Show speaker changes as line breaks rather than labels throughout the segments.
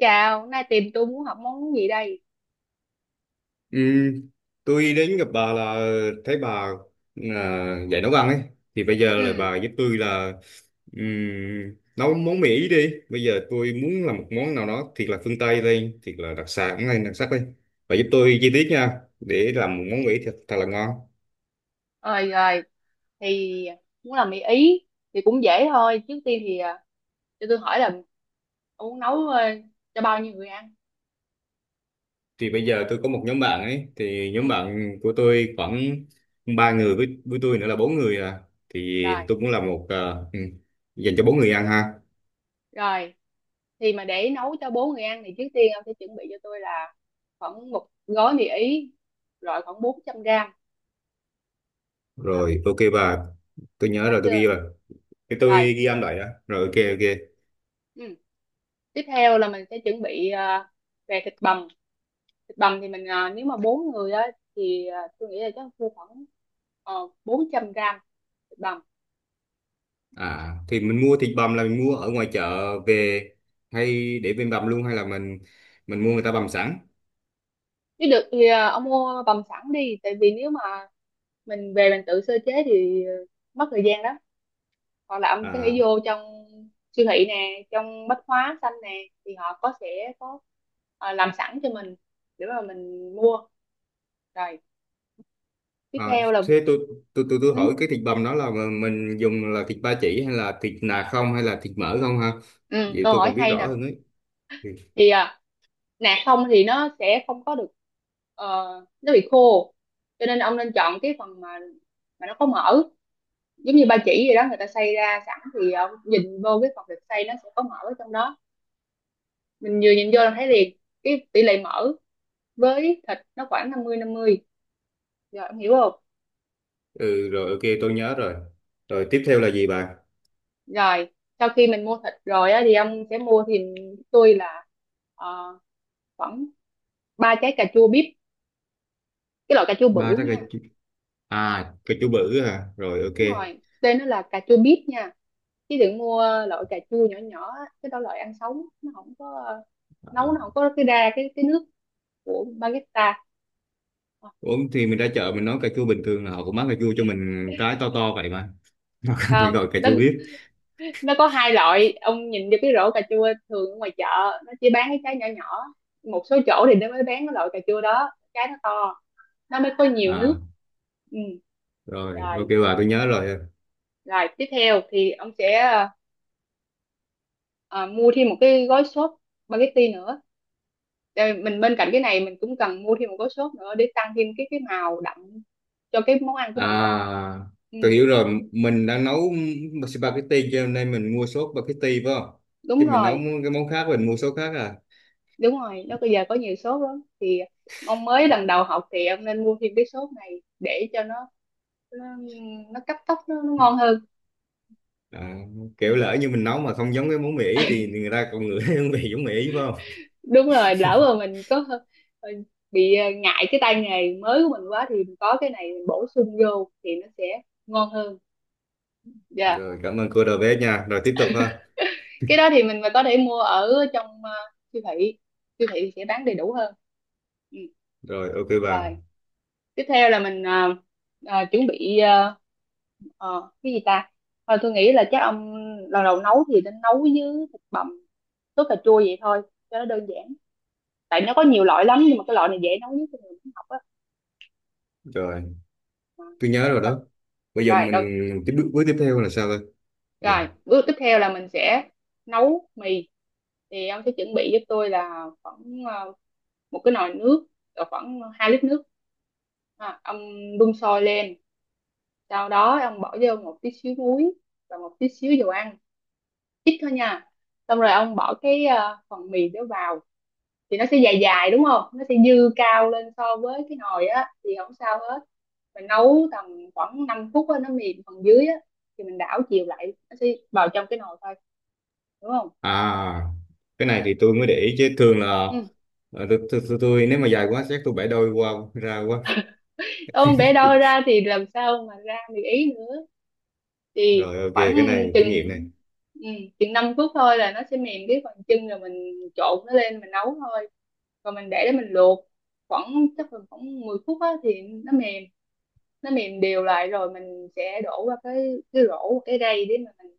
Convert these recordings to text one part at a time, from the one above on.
Chào, nay tìm tôi muốn học món gì đây?
Ừ, tôi đến gặp bà là thấy bà dạy nấu ăn ấy thì bây giờ là
Ừ,
bà giúp tôi là nấu món Mỹ đi. Bây giờ tôi muốn làm một món nào đó thiệt là phương Tây đây, thiệt là đặc sản này, đặc sắc đây. Bà giúp tôi chi tiết nha, để làm một món Mỹ thật, thật là ngon.
rồi rồi, thì muốn làm mì Ý thì cũng dễ thôi. Trước tiên thì cho tôi hỏi là ông muốn nấu cho bao nhiêu người ăn?
Thì bây giờ tôi có một nhóm bạn ấy, thì nhóm
Ừ,
bạn của tôi khoảng ba người, với tôi nữa là bốn người à. Thì
rồi,
tôi muốn làm một ừ, dành cho bốn người ăn ha.
rồi. Thì mà để nấu cho bốn người ăn thì trước tiên ông sẽ chuẩn bị cho tôi là khoảng một gói mì Ý, loại khoảng 400 gram. À,
Rồi, ok bà, tôi nhớ
nó
rồi, tôi
chưa?
ghi rồi, thì tôi
Rồi,
ghi âm lại đó. Rồi ok ok.
ừ. Tiếp theo là mình sẽ chuẩn bị về thịt bằm. Thì mình nếu mà bốn người á thì tôi nghĩ là chắc mua khoảng 400 gram thịt bằm.
À, thì mình mua thịt bằm là mình mua ở ngoài chợ về hay để bên bằm luôn, hay là mình mua người ta bằm sẵn?
Nếu được thì ông mua bằm sẵn đi, tại vì nếu mà mình về mình tự sơ chế thì mất thời gian lắm. Hoặc là ông có thể
À,
vô trong siêu thị nè, trong bách hóa xanh nè, thì họ có sẽ có làm sẵn cho mình để mà mình mua. Rồi tiếp
à
theo là
thế tôi, tôi
ừ,
hỏi cái thịt bằm đó là mà mình dùng là thịt ba chỉ, hay là thịt nạc không, hay là thịt mỡ không ha?
ừ,
Vậy
câu
tôi
hỏi
còn biết
hay
rõ
nè.
hơn ấy. Ừ.
Thì nạc không thì nó sẽ không có được, ờ, nó bị khô, cho nên ông nên chọn cái phần mà nó có mỡ, giống như ba chỉ gì đó người ta xay ra sẵn. Thì ông nhìn vô cái phần thịt xay nó sẽ có mỡ ở trong đó, mình vừa nhìn vô là thấy liền. Cái tỷ lệ mỡ với thịt nó khoảng 50-50, rồi ông hiểu không.
Ừ, rồi ok, tôi nhớ rồi. Rồi tiếp theo là gì bà?
Rồi sau khi mình mua thịt rồi á thì ông sẽ mua thì tôi là ờ, khoảng ba trái cà chua bíp, cái loại cà chua
Ba
bự
trái cà
nha.
chua à, cà chua bự à, rồi ok.
Đúng rồi, tên nó là cà chua bíp nha, chứ đừng mua loại cà chua nhỏ nhỏ á. Cái đó loại ăn sống, nó không có nấu
À.
nó không có cái ra cái nước của baguette.
Ủa, thì mình ra chợ mình nói cà chua bình thường là họ cũng bán cà chua cho mình trái to to vậy mà. Nó không phải
Không,
gọi cà chua biết?
nó có hai loại. Ông nhìn vô cái rổ cà chua thường ở ngoài chợ, nó chỉ bán cái trái nhỏ nhỏ. Một số chỗ thì nó mới bán cái loại cà chua đó, trái nó to, nó mới có nhiều nước.
À
Ừ.
rồi ok
Rồi
bà, tôi nhớ rồi.
rồi, tiếp theo thì ông sẽ mua thêm một cái gói sốt spaghetti nữa. Rồi mình bên cạnh cái này mình cũng cần mua thêm một gói sốt nữa để tăng thêm cái màu đậm cho cái món ăn của
À
mình á. Ừ,
tôi hiểu rồi, mình đang nấu spaghetti cho nên mình mua sốt spaghetti phải không?
đúng
Chứ mình nấu
rồi
cái món khác mình mua sốt khác à.
đúng rồi, nó bây giờ có nhiều sốt lắm. Thì ông mới lần đầu học thì ông nên mua thêm cái sốt này để cho nó, nó cấp tốc, nó ngon hơn.
À, kiểu
Ừ,
lỡ như mình nấu mà không giống cái món Mỹ thì người ta còn ngửi hương vị giống Mỹ phải không?
đúng rồi, lỡ mà mình có ờ, bị ngại cái tay nghề mới của mình quá thì mình có cái này mình bổ sung vô thì nó sẽ ngon hơn. Dạ,
Rồi cảm ơn cô đầu bếp nha, rồi tiếp tục ha.
cái đó thì mình mà có thể mua ở trong siêu thị sẽ bán đầy đủ hơn. Ừ.
Rồi ok bà.
Rồi tiếp theo là mình chuẩn bị cái gì ta. Thôi tôi nghĩ là chắc ông lần đầu nấu thì nên nấu với thịt bằm sốt cà chua vậy thôi cho nó đơn giản, tại nó có nhiều loại lắm nhưng mà cái loại này dễ nấu nhất cho người muốn học á.
Rồi
Ờ,
tôi nhớ rồi
rồi
đó. Bây giờ
rồi
mình
đầu,
tiếp bước tiếp theo là sao thôi? Ừ.
rồi bước tiếp theo là mình sẽ nấu mì. Thì ông sẽ chuẩn bị giúp tôi là khoảng một cái nồi nước cỡ khoảng 2 lít nước. Ông đun sôi lên, sau đó ông bỏ vô một tí xíu muối và một tí xíu dầu ăn, ít thôi nha. Xong rồi ông bỏ cái phần mì đó vào, thì nó sẽ dài dài đúng không, nó sẽ dư cao lên so với cái nồi á thì không sao hết. Mình nấu tầm khoảng 5 phút á, nó mềm phần dưới á thì mình đảo chiều lại, nó sẽ vào trong cái nồi thôi, đúng không.
À, cái này thì tôi mới để ý, chứ thường là
Ừ.
tôi nếu mà dài quá chắc tôi bẻ đôi qua ra quá.
Ôm bé đo ra thì làm sao mà ra được ý nữa. Thì
Rồi ok,
khoảng
cái này kinh nghiệm
chừng
này.
ừ, chừng 5 phút thôi là nó sẽ mềm cái phần chân, rồi mình trộn nó lên mình nấu thôi. Rồi mình để mình luộc khoảng chắc là khoảng 10 phút á thì nó mềm. Nó mềm đều lại rồi mình sẽ đổ qua cái rổ cái rây, để mà mình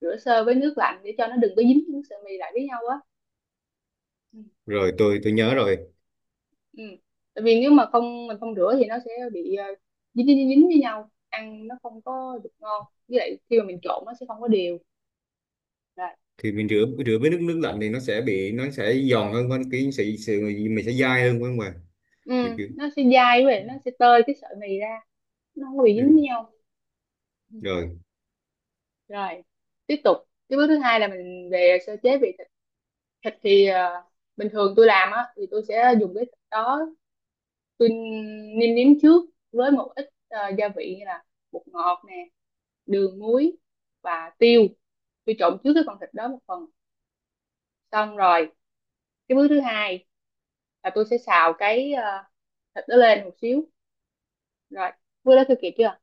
rửa sơ với nước lạnh để cho nó đừng có dính nước sợi mì lại với nhau á. Ừ.
Rồi tôi nhớ rồi.
Ừ. Tại vì nếu mà không mình không rửa thì nó sẽ bị dính dính dính với nhau, ăn nó không có được ngon, với lại khi mà mình trộn nó sẽ không có đều. Rồi.
Thì mình rửa rửa với nước nước lạnh thì nó sẽ bị, nó sẽ giòn hơn, hơn cái sự, sự mình sẽ dai hơn phải không ạ? Kiểu
Ừ,
kiểu
nó sẽ dai, với lại nó sẽ tơi cái sợi mì ra, nó không có bị dính với
ừ.
nhau. Ừ.
Rồi,
Rồi tiếp tục, cái bước thứ hai là mình về sơ chế vị thịt thịt Thì bình thường tôi làm á thì tôi sẽ dùng cái thịt đó, tôi nêm nếm trước với một ít gia vị như là bột ngọt nè, đường muối và tiêu. Tôi trộn trước cái con thịt đó một phần, xong rồi cái bước thứ hai là tôi sẽ xào cái thịt đó lên một xíu. Rồi bước đó tôi kịp chưa.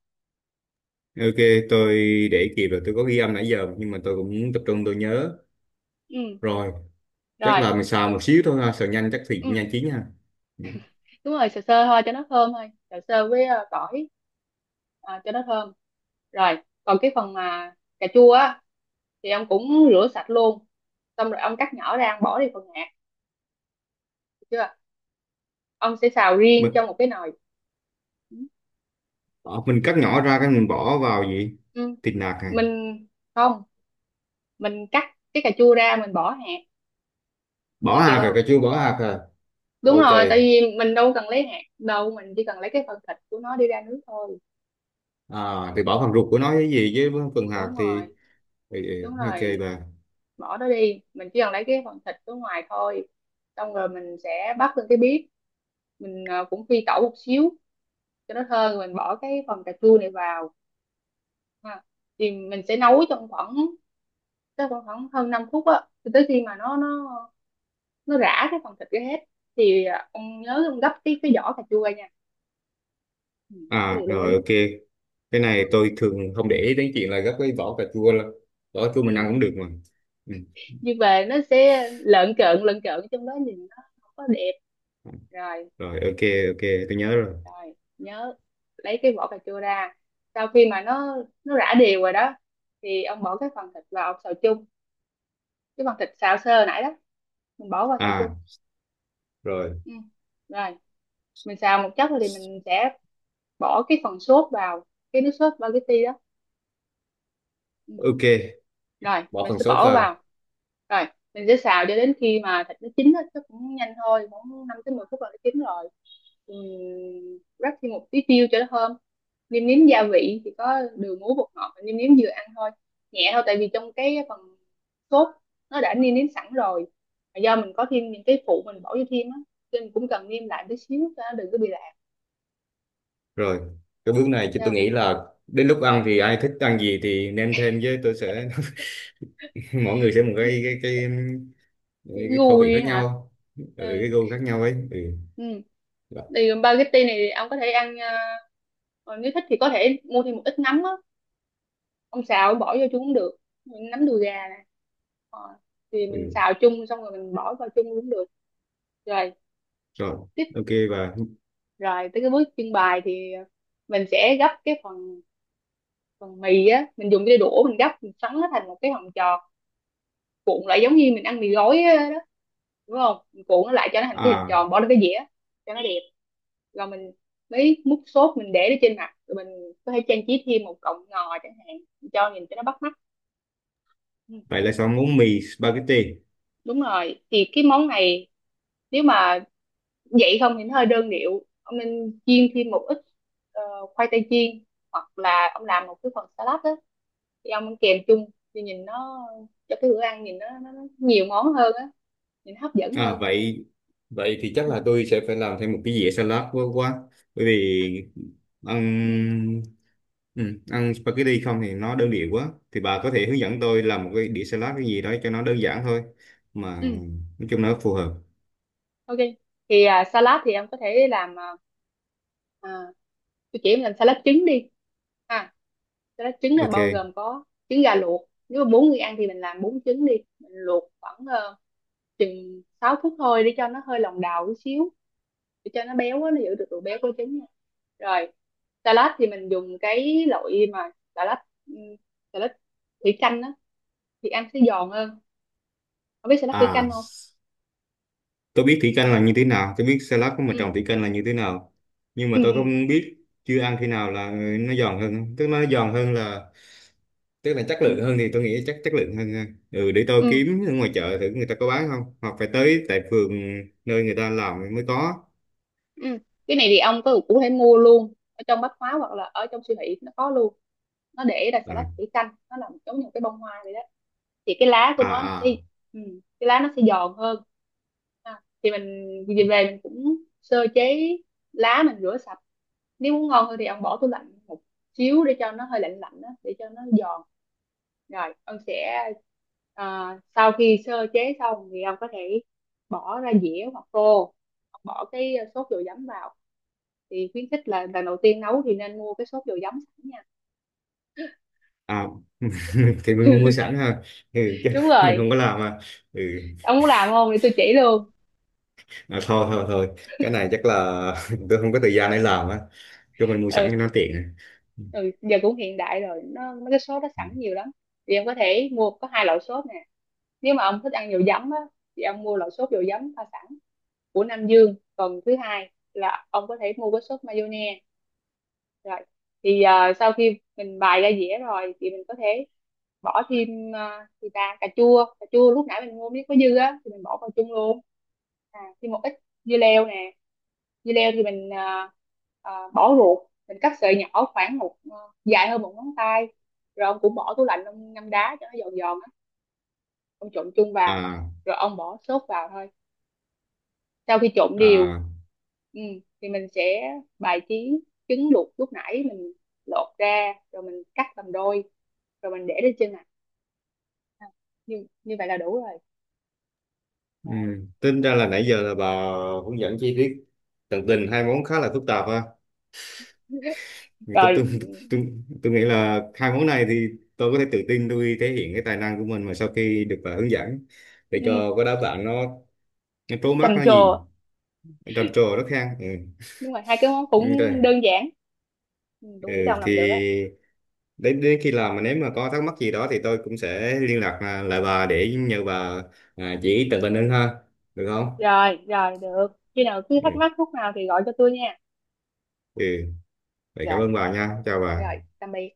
ok tôi để kịp rồi, tôi có ghi âm nãy giờ nhưng mà tôi cũng tập trung tôi nhớ.
Ừ.
Rồi, chắc
Rồi.
là mình xào một xíu thôi ha, xào nhanh chắc thì
Ừ.
nhanh chín ha. Dạ.
Đúng rồi, sờ sơ thôi cho nó thơm thôi, sờ sơ với tỏi, cho nó thơm. Rồi còn cái phần mà cà chua á thì ông cũng rửa sạch luôn, xong rồi ông cắt nhỏ ra, ông bỏ đi phần hạt, được chưa. Ông sẽ xào riêng
Mình,
trong một cái nồi.
ờ, mình cắt nhỏ ra cái mình bỏ vào gì?
Ừ.
Thịt nạc à?
Mình, không, mình cắt cái cà chua ra mình bỏ hạt
Bỏ
như kiểu.
hạt à,
Không,
cà chua bỏ hạt à?
đúng
Ô
rồi, tại
trời,
vì mình đâu cần lấy hạt đâu, mình chỉ cần lấy cái phần thịt của nó đi ra nước thôi.
à thì bỏ phần ruột của nó cái gì với phần hạt
Đúng rồi.
thì
Đúng
ok
rồi,
bà.
bỏ nó đi, mình chỉ cần lấy cái phần thịt ở ngoài thôi. Xong rồi mình sẽ bắt lên cái bếp, mình cũng phi tẩu một xíu cho nó thơm, rồi mình bỏ cái phần cà chua này vào ha. Thì mình sẽ nấu trong khoảng chắc khoảng khoảng hơn 5 phút á, cho tới khi mà nó rã cái phần thịt ra hết. Thì ông nhớ ông gấp cái vỏ cà chua nha. Ừ. Cái
À
điều lưu
rồi
ý.
ok, cái
Ừ.
này tôi thường không để ý đến chuyện là gấp cái vỏ cà chua lắm. Vỏ cà chua mình ăn
Ừ.
cũng được mà. Ừ.
Nhưng mà nó sẽ lợn cợn trong đó, nhìn nó không có đẹp. Rồi.
Rồi ok, ok tôi nhớ rồi.
Rồi nhớ lấy cái vỏ cà chua ra. Sau khi mà nó rã đều rồi đó, thì ông bỏ cái phần thịt vào, ông xào chung, cái phần thịt xào sơ nãy đó mình bỏ vào xào chung.
À rồi
Ừ. Rồi mình xào một chốc rồi thì mình sẽ bỏ cái phần sốt vào, cái nước sốt spaghetti đó. Ừ.
ok.
Rồi
Bỏ
mình
phần
sẽ
sốt
bỏ vào,
vào
rồi mình sẽ xào cho đến khi mà thịt nó chín á, nó cũng nhanh thôi, khoảng 5 tới 10 phút là nó chín rồi. Rắc thêm một tí tiêu cho nó thơm, nêm nếm gia vị thì có đường muối bột ngọt, nêm nếm vừa ăn thôi, nhẹ thôi, tại vì trong cái phần sốt nó đã nêm nếm sẵn rồi. Mà do mình có thêm những cái phụ mình bỏ vô thêm á, cho nên mình cũng cần nêm lại tí xíu cho nó đừng có bị lạc.
rồi. Cái bước này chứ
Được
tôi nghĩ là đến lúc ăn thì ai thích ăn gì thì nêm thêm, với tôi sẽ mỗi người sẽ một cái cái
chưa.
cái,
Chữ
cái khẩu vị
gùi
khác
hả?
nhau. Ừ,
Ờ,
cái gu khác nhau ấy.
ừ.
Ừ.
Thì spaghetti này ông có thể ăn còn nếu thích thì có thể mua thêm một ít nấm á. Ông xào bỏ vô chung cũng được. Nấm đùi gà nè. Ờ, Thì mình
Ừ,
xào chung xong rồi mình bỏ vào chung cũng được. Rồi,
rồi,
tiếp,
ok. Và
rồi tới cái bước trưng bày thì mình sẽ gấp cái phần phần mì á, mình dùng cái đũa mình gấp mình xoắn nó thành một cái hình tròn, cuộn lại giống như mình ăn mì gói đó, đúng không, mình cuộn nó lại cho nó thành cái hình
à
tròn bỏ lên cái dĩa cho nó đẹp. Rồi mình mới múc sốt mình để lên trên mặt, rồi mình có thể trang trí thêm một cọng ngò chẳng hạn, cho nhìn cho nó bắt mắt. Ừ,
vậy là xong món mì spaghetti.
đúng rồi, thì cái món này nếu mà vậy không thì nó hơi đơn điệu, ông nên chiên thêm một ít ờ, khoai tây chiên, hoặc là ông làm một cái phần salad đó thì ông ăn kèm chung, thì nhìn nó, cho cái bữa ăn nhìn nó nhiều món hơn á, nhìn hấp dẫn
À
hơn.
vậy, vậy thì chắc
Ừ.
là tôi sẽ phải làm thêm một cái dĩa salad quá quá. Bởi vì ăn ừ, ăn spaghetti không thì nó đơn điệu quá. Thì bà có thể hướng dẫn tôi làm một cái đĩa salad cái gì đó cho nó đơn giản thôi, mà
Ừ.
nói chung nó phù hợp.
Ok, thì salad thì em có thể làm à, tôi chỉ em làm salad trứng đi ha. Salad trứng là
Ok.
bao gồm có trứng gà luộc. Nếu mà bốn người ăn thì mình làm bốn trứng đi, mình luộc khoảng chừng 6 phút thôi, để cho nó hơi lòng đào chút xíu, để cho nó béo á, nó giữ được độ béo của trứng nha. Rồi salad thì mình dùng cái loại mà salad ừm, salad thủy canh á, thì ăn sẽ giòn hơn. Không biết salad thủy
À
canh không.
tôi biết thủy canh là như thế nào, tôi biết salad của
Ừ.
mình trồng thủy canh là như thế nào. Nhưng
Ừ.
mà tôi
Ừ.
không biết, chưa ăn khi nào là nó giòn hơn, tức nó giòn hơn là tức là chất lượng
Ừ.
hơn, thì tôi nghĩ chắc chất lượng hơn ha. Ừ để tôi
Ừ.
kiếm ở ngoài chợ thử người ta có bán không, hoặc phải tới tại phường nơi người ta làm mới có.
Ừ. Cái này thì ông có cũng có thể mua luôn ở trong bách hóa hoặc là ở trong siêu thị nó có luôn. Nó để là xà lách
À
thủy canh, nó làm giống như một cái bông hoa vậy đó, thì cái lá của
à
nó sẽ,
à,
ừ, cái lá nó sẽ giòn hơn ha. Thì mình về về mình cũng sơ chế lá, mình rửa sạch. Nếu muốn ngon hơn thì ông bỏ tủ lạnh một xíu để cho nó hơi lạnh lạnh đó, để cho nó giòn. Rồi ông sẽ ờ, sau khi sơ chế xong thì ông có thể bỏ ra dĩa hoặc tô, bỏ cái sốt dầu giấm vào. Thì khuyến khích là lần đầu tiên nấu thì nên mua cái sốt dầu giấm sẵn nha.
à. Thì mình mua sẵn ha, ừ chứ
Đúng
mình
rồi,
không có làm à. Ừ,
ông muốn làm không thì tôi chỉ luôn.
à thôi thôi thôi, cái này chắc là tôi không có thời gian để làm á, cho mình mua sẵn
Ừ,
cho nó tiện.
ừ, giờ cũng hiện đại rồi, nó mấy cái sốt nó
À
sẵn nhiều lắm, thì em có thể mua có hai loại sốt nè. Nếu mà ông thích ăn dầu giấm á thì ông mua loại sốt dầu giấm pha sẵn của Nam Dương, còn thứ hai là ông có thể mua cái sốt mayonnaise. Rồi thì sau khi mình bày ra dĩa rồi thì mình có thể bỏ thêm gì ta, cà chua lúc nãy mình mua miếng có dư á thì mình bỏ vào chung luôn. Thêm một ít dưa leo nè. Dưa leo thì mình bỏ ruột, mình cắt sợi nhỏ khoảng dài hơn một ngón tay, rồi ông cũng bỏ tủ lạnh ông ngâm đá cho nó giòn giòn á, ông trộn chung vào.
à
Rồi ông bỏ sốt vào thôi. Sau khi trộn đều,
à
ừ, thì mình sẽ bài trí, trứng luộc lúc nãy mình lột ra rồi mình cắt làm đôi, rồi mình để lên trên mặt, như như vậy là đủ rồi.
ừ.
Rồi,
Tính ra là nãy giờ là bà hướng dẫn chi tiết tận tình hai món khá là phức tạp ha. Thì
rồi.
tôi, tôi nghĩ là hai món này thì tôi có thể tự tin, tôi thể hiện cái tài năng của mình mà sau khi được bạn hướng dẫn, để
Ừ,
cho cái đáp bạn nó trố mắt
trầm
nó
trồ.
nhìn, nó trầm trồ nó khen. Ừ.
Đúng rồi, hai cái món cũng
Ừ, đây.
đơn giản, ừ, tôi nghĩ
Ừ,
Đồng làm được á.
thì đến đến khi làm mà nếu mà có thắc mắc gì đó thì tôi cũng sẽ liên lạc lại bà để nhờ bà chỉ tận tình hơn ha, được không?
Rồi rồi, được, khi nào cứ
Ừ.
thắc mắc lúc nào thì gọi cho tôi nha.
Ừ. Vậy cảm
Rồi,
ơn bà nha, chào bà.
rồi tạm biệt.